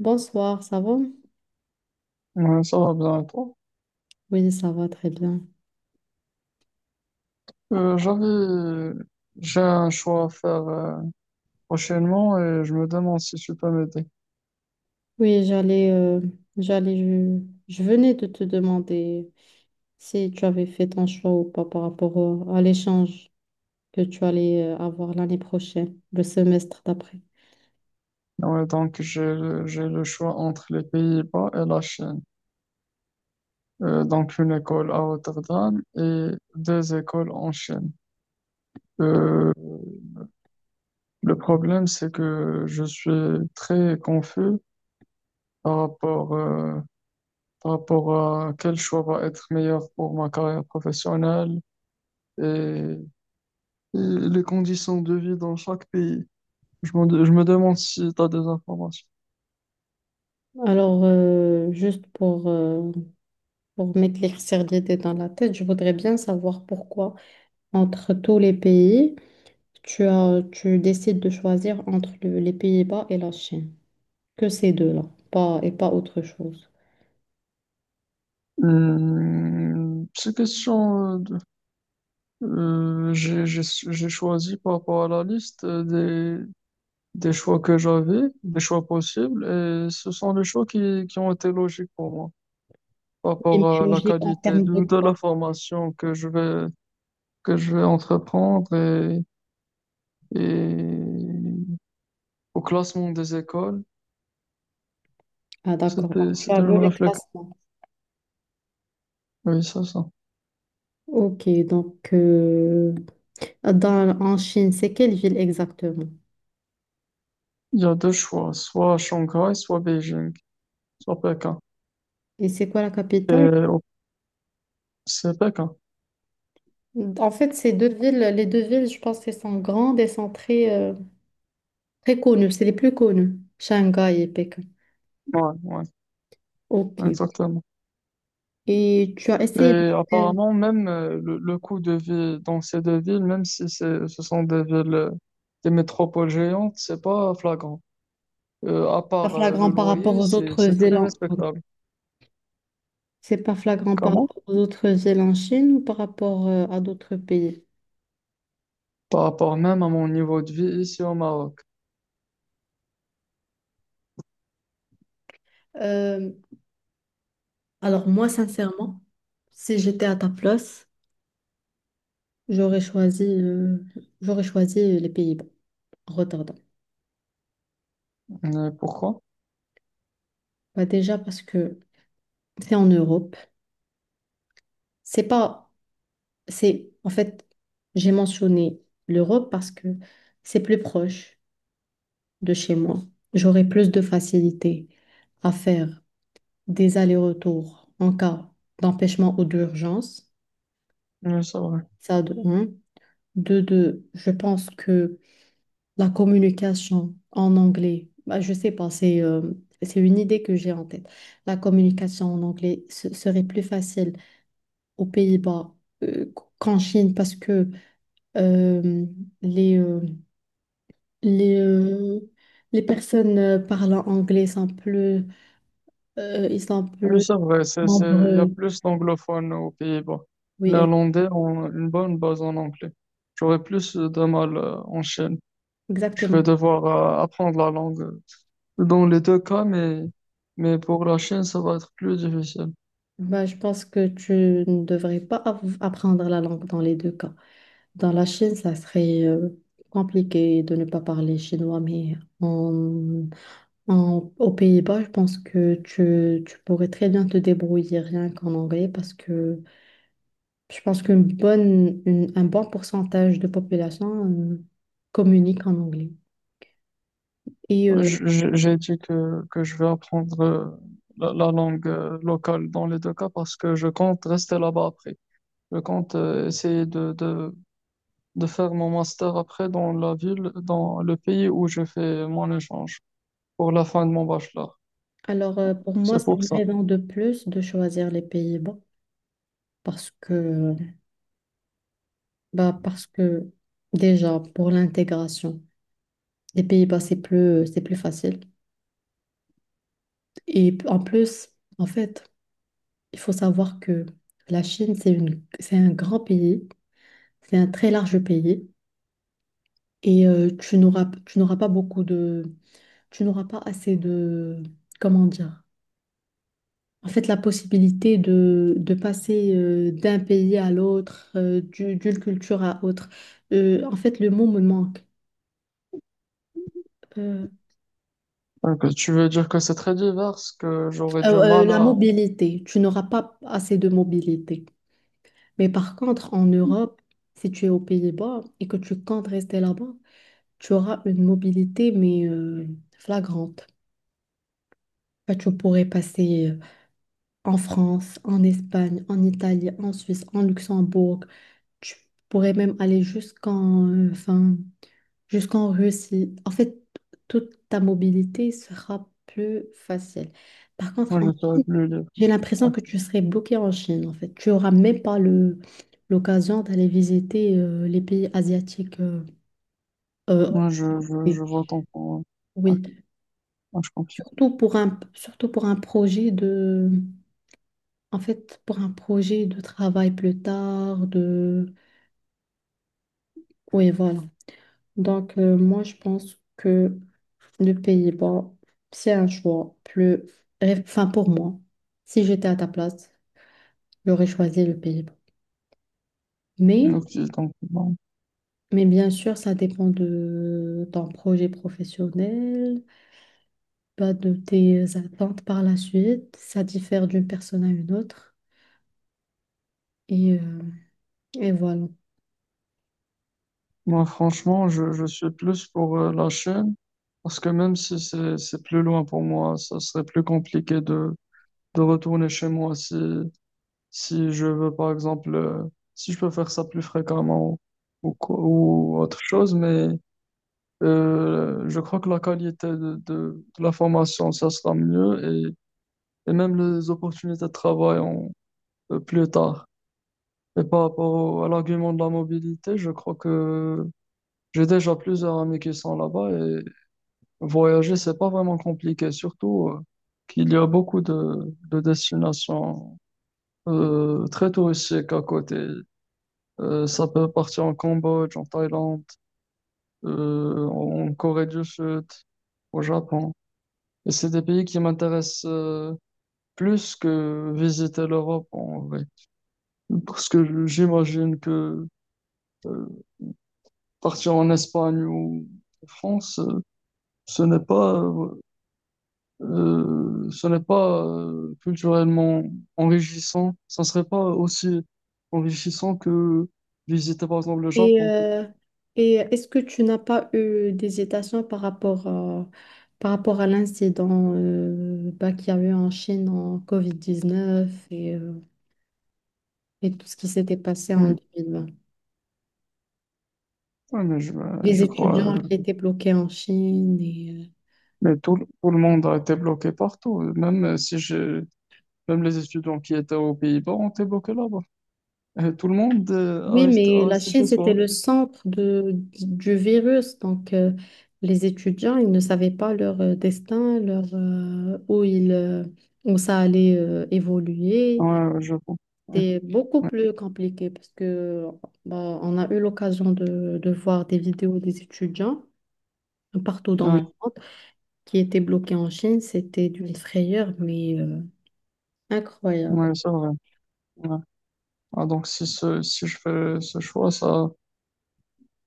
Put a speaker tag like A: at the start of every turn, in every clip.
A: Bonsoir, ça va?
B: Ouais, ça va bien et toi?
A: Oui, ça va très bien.
B: Euh, j'avais, j'ai un choix à faire prochainement et je me demande si tu peux m'aider.
A: Oui, j'allais, j'allais, je venais de te demander si tu avais fait ton choix ou pas par rapport à l'échange que tu allais avoir l'année prochaine, le semestre d'après.
B: Ouais, donc j'ai le choix entre les Pays-Bas et la Chine. Donc une école à Rotterdam et deux écoles en Chine. Euh, le problème c'est que je suis très confus par rapport, euh, par rapport à quel choix va être meilleur pour ma carrière professionnelle et et les conditions de vie dans chaque pays. Je me demande si tu as des informations.
A: Alors, juste pour m'éclaircir l'idée dans la tête, je voudrais bien savoir pourquoi, entre tous les pays, tu décides de choisir entre les Pays-Bas et la Chine, que ces deux-là, pas, et pas autre chose.
B: Petite question. J'ai choisi par rapport à la liste des choix que j'avais, des choix possibles, et ce sont les choix qui ont été logiques pour moi par
A: Et
B: rapport à la
A: logique en
B: qualité
A: termes de
B: de
A: quoi?
B: la formation que je vais entreprendre et au classement des écoles.
A: Ah, d'accord. Donc, tu as
B: C'était
A: vu
B: une
A: le
B: réflexion.
A: classement.
B: Oui, c'est ça.
A: Ok, donc en Chine, c'est quelle ville exactement?
B: Il y a deux choix, soit Shanghai, soit Beijing. Sur Pékin.
A: Et c'est quoi la
B: Et
A: capitale?
B: au- c'est Pékin.
A: En fait, les deux villes, je pense qu'elles sont grandes et sont très, très connues. C'est les plus connues, Shanghai et Pékin.
B: Ouais, ouais,
A: Ok.
B: exactement.
A: Et tu as essayé de
B: Et
A: faire
B: apparemment, même le coût de vie dans ces deux villes, même si ce sont des villes, des métropoles géantes, c'est pas flagrant. À
A: pas
B: part
A: flagrant
B: le
A: par rapport
B: loyer,
A: aux autres
B: c'est
A: villes
B: très
A: en...
B: respectable.
A: C'est pas flagrant par
B: Comment?
A: rapport aux autres villes en Chine ou par rapport à d'autres pays?
B: Par rapport même à mon niveau de vie ici au Maroc.
A: Euh, Alors moi, sincèrement, si j'étais à ta place, j'aurais choisi, euh, j'aurais choisi les Pays-Bas, Rotterdam.
B: Mais pourquoi?
A: Bah déjà parce que c'est en Europe. C'est pas, c'est en fait, j'ai mentionné l'Europe parce que c'est plus proche de chez moi. J'aurais plus de facilité à faire des allers-retours en cas d'empêchement ou d'urgence.
B: Oui, c'est vrai.
A: Ça de un. De deux, je pense que la communication en anglais, bah, je sais pas, c'est une idée que j'ai en tête. La communication en anglais serait plus facile aux Pays-Bas qu'en Chine parce que euh, les, euh, les, euh, les personnes parlant anglais sont ils sont
B: Oui,
A: plus
B: c'est vrai. Il y a
A: nombreux.
B: plus d'anglophones aux Pays-Bas.
A: Oui,
B: Néerlandais ont une bonne base en anglais. J'aurais plus de mal en Chine. Je
A: exactement.
B: vais devoir apprendre la langue dans les deux cas, mais pour la Chine, ça va être plus difficile.
A: Bah, je pense que tu ne devrais pas apprendre la langue dans les deux cas. Dans la Chine, ça serait compliqué de ne pas parler chinois, mais en, aux Pays-Bas, je pense que tu pourrais très bien te débrouiller rien qu'en anglais parce que je pense un bon pourcentage de population communique en anglais. Et euh,
B: J'ai dit que je vais apprendre la langue locale dans les deux cas parce que je compte rester là-bas après. Je compte essayer de faire mon master après dans la ville, dans le pays où je fais mon échange pour la fin de mon bachelor.
A: alors, pour moi,
B: C'est
A: c'est
B: pour
A: une
B: ça.
A: raison de plus de choisir les Pays-Bas parce que, bah, parce que déjà, pour l'intégration, les Pays-Bas, c'est plus facile. Et en plus, en fait, il faut savoir que la Chine, c'est un grand pays, c'est un très large pays, et tu n'auras pas beaucoup de, tu n'auras pas assez de, comment dire, en fait, la possibilité de passer d'un pays à l'autre, d'une culture à autre. En fait, le mot me manque. Euh,
B: Donc, tu veux dire que c'est très divers, que j'aurais du mal
A: la
B: à...
A: mobilité, tu n'auras pas assez de mobilité. Mais par contre, en Europe, si tu es aux Pays-Bas et que tu comptes rester là-bas, tu auras une mobilité, mais flagrante. Bah, tu pourrais passer en France, en Espagne, en Italie, en Suisse, en Luxembourg. Tu pourrais même aller enfin, jusqu'en Russie. En fait, toute ta mobilité sera plus facile. Par contre,
B: Moi,
A: en
B: je serais
A: Chine,
B: plus libre.
A: j'ai l'impression que tu serais bloqué en Chine, en fait. Tu n'auras même pas le, l'occasion d'aller visiter les pays asiatiques. Euh,
B: Moi,
A: et-
B: je vote en pour. Ouais,
A: oui,
B: moi, je confie.
A: surtout pour un projet de, en fait, pour un projet de travail plus tard, de, oui, voilà. Donc, moi, je pense que le Pays-Bas, c'est un choix plus... Enfin, pour moi, si j'étais à ta place, j'aurais choisi le Pays-Bas. Mais,
B: Ok, donc, bon.
A: mais bien sûr, ça dépend de ton projet professionnel, bah, de tes attentes par la suite. Ça diffère d'une personne à une autre. Et, euh, et voilà.
B: Moi, franchement, je suis plus pour la Chine, parce que même si c'est plus loin pour moi, ça serait plus compliqué de retourner chez moi si je veux, par exemple, si je peux faire ça plus fréquemment ou, ou autre chose, mais je crois que la qualité de la formation, ça sera mieux et, et même les opportunités de travail plus tard. Et par rapport à l'argument de la mobilité, je crois que j'ai déjà plusieurs amis qui sont là-bas et voyager, c'est pas vraiment compliqué, surtout qu'il y a beaucoup de destinations très touristiques à côté. Ça peut partir en Cambodge, en Thaïlande, en Corée du Sud, au Japon. Et c'est des pays qui m'intéressent plus que visiter l'Europe en vrai. Parce que j'imagine que euh, partir en Espagne ou en France, ce n'est pas, culturellement enrichissant. Ça ne serait pas aussi enrichissant que visiter par exemple le
A: Et,
B: Japon.
A: euh, et est-ce que tu n'as pas eu d'hésitation par rapport à l'incident bah, qu'il y a eu en Chine en COVID-19 et tout ce qui s'était passé en
B: Hmm.
A: 2020.
B: Ouais, mais
A: Les étudiants qui étaient bloqués en Chine.
B: mais tout le monde a été bloqué partout. Même si je, même les étudiants qui étaient aux Pays-Bas ont été bloqués là-bas. Tout le monde
A: Oui, mais
B: a
A: la
B: resté
A: Chine,
B: chez soi.
A: c'était le centre de, du virus. Donc, les étudiants, ils ne savaient pas leur où ça allait évoluer.
B: Ouais, ouais, je comprends. Ouais,
A: C'était beaucoup
B: ouais,
A: plus compliqué parce que bah, on a eu l'occasion de voir des vidéos des étudiants partout dans le
B: ouais,
A: monde qui étaient bloqués en Chine. C'était d'une frayeur, mais incroyable.
B: ouais, c'est vrai. Ouais. Ah, donc si, si je fais ce choix, ça,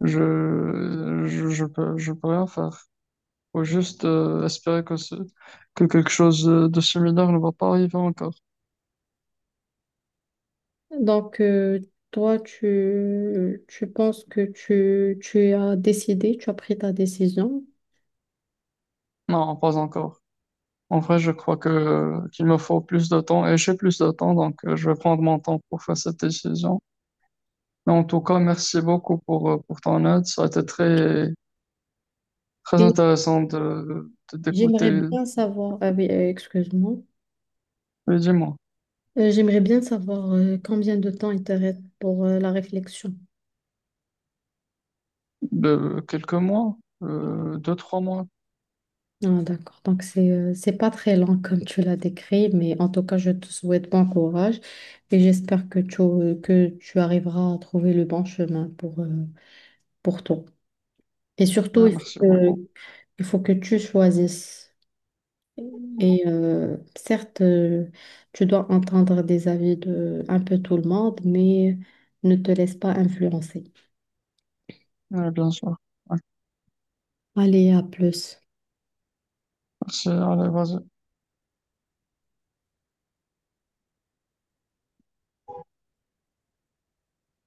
B: je peux rien faire. Faut juste espérer que, que quelque chose de similaire ne va pas arriver encore.
A: Donc, tu penses que tu as décidé, tu as pris ta décision
B: Non, pas encore. En vrai, je crois que qu'il me faut plus de temps et j'ai plus de temps, donc je vais prendre mon temps pour faire cette décision. Mais en tout cas, merci beaucoup pour ton aide. Ça a été très, très
A: et
B: intéressant
A: j'aimerais
B: d'écouter,
A: bien savoir, ah oui, excuse-moi,
B: mais dis-moi,
A: J'aimerais bien savoir combien de temps il te reste pour la réflexion.
B: de quelques mois, deux, trois mois.
A: Ah, d'accord. Donc, c'est pas très lent comme tu l'as décrit, mais en tout cas, je te souhaite bon courage et j'espère que tu arriveras à trouver le bon chemin pour toi. Et surtout,
B: Ah, merci beaucoup.
A: il faut que tu choisisses. Et euh, certes, euh, tu dois entendre des avis de un peu tout le monde, mais ne te laisse pas influencer.
B: Ouais, bien sûr. Ouais,
A: Allez, à plus.
B: merci. Allez, vas-y.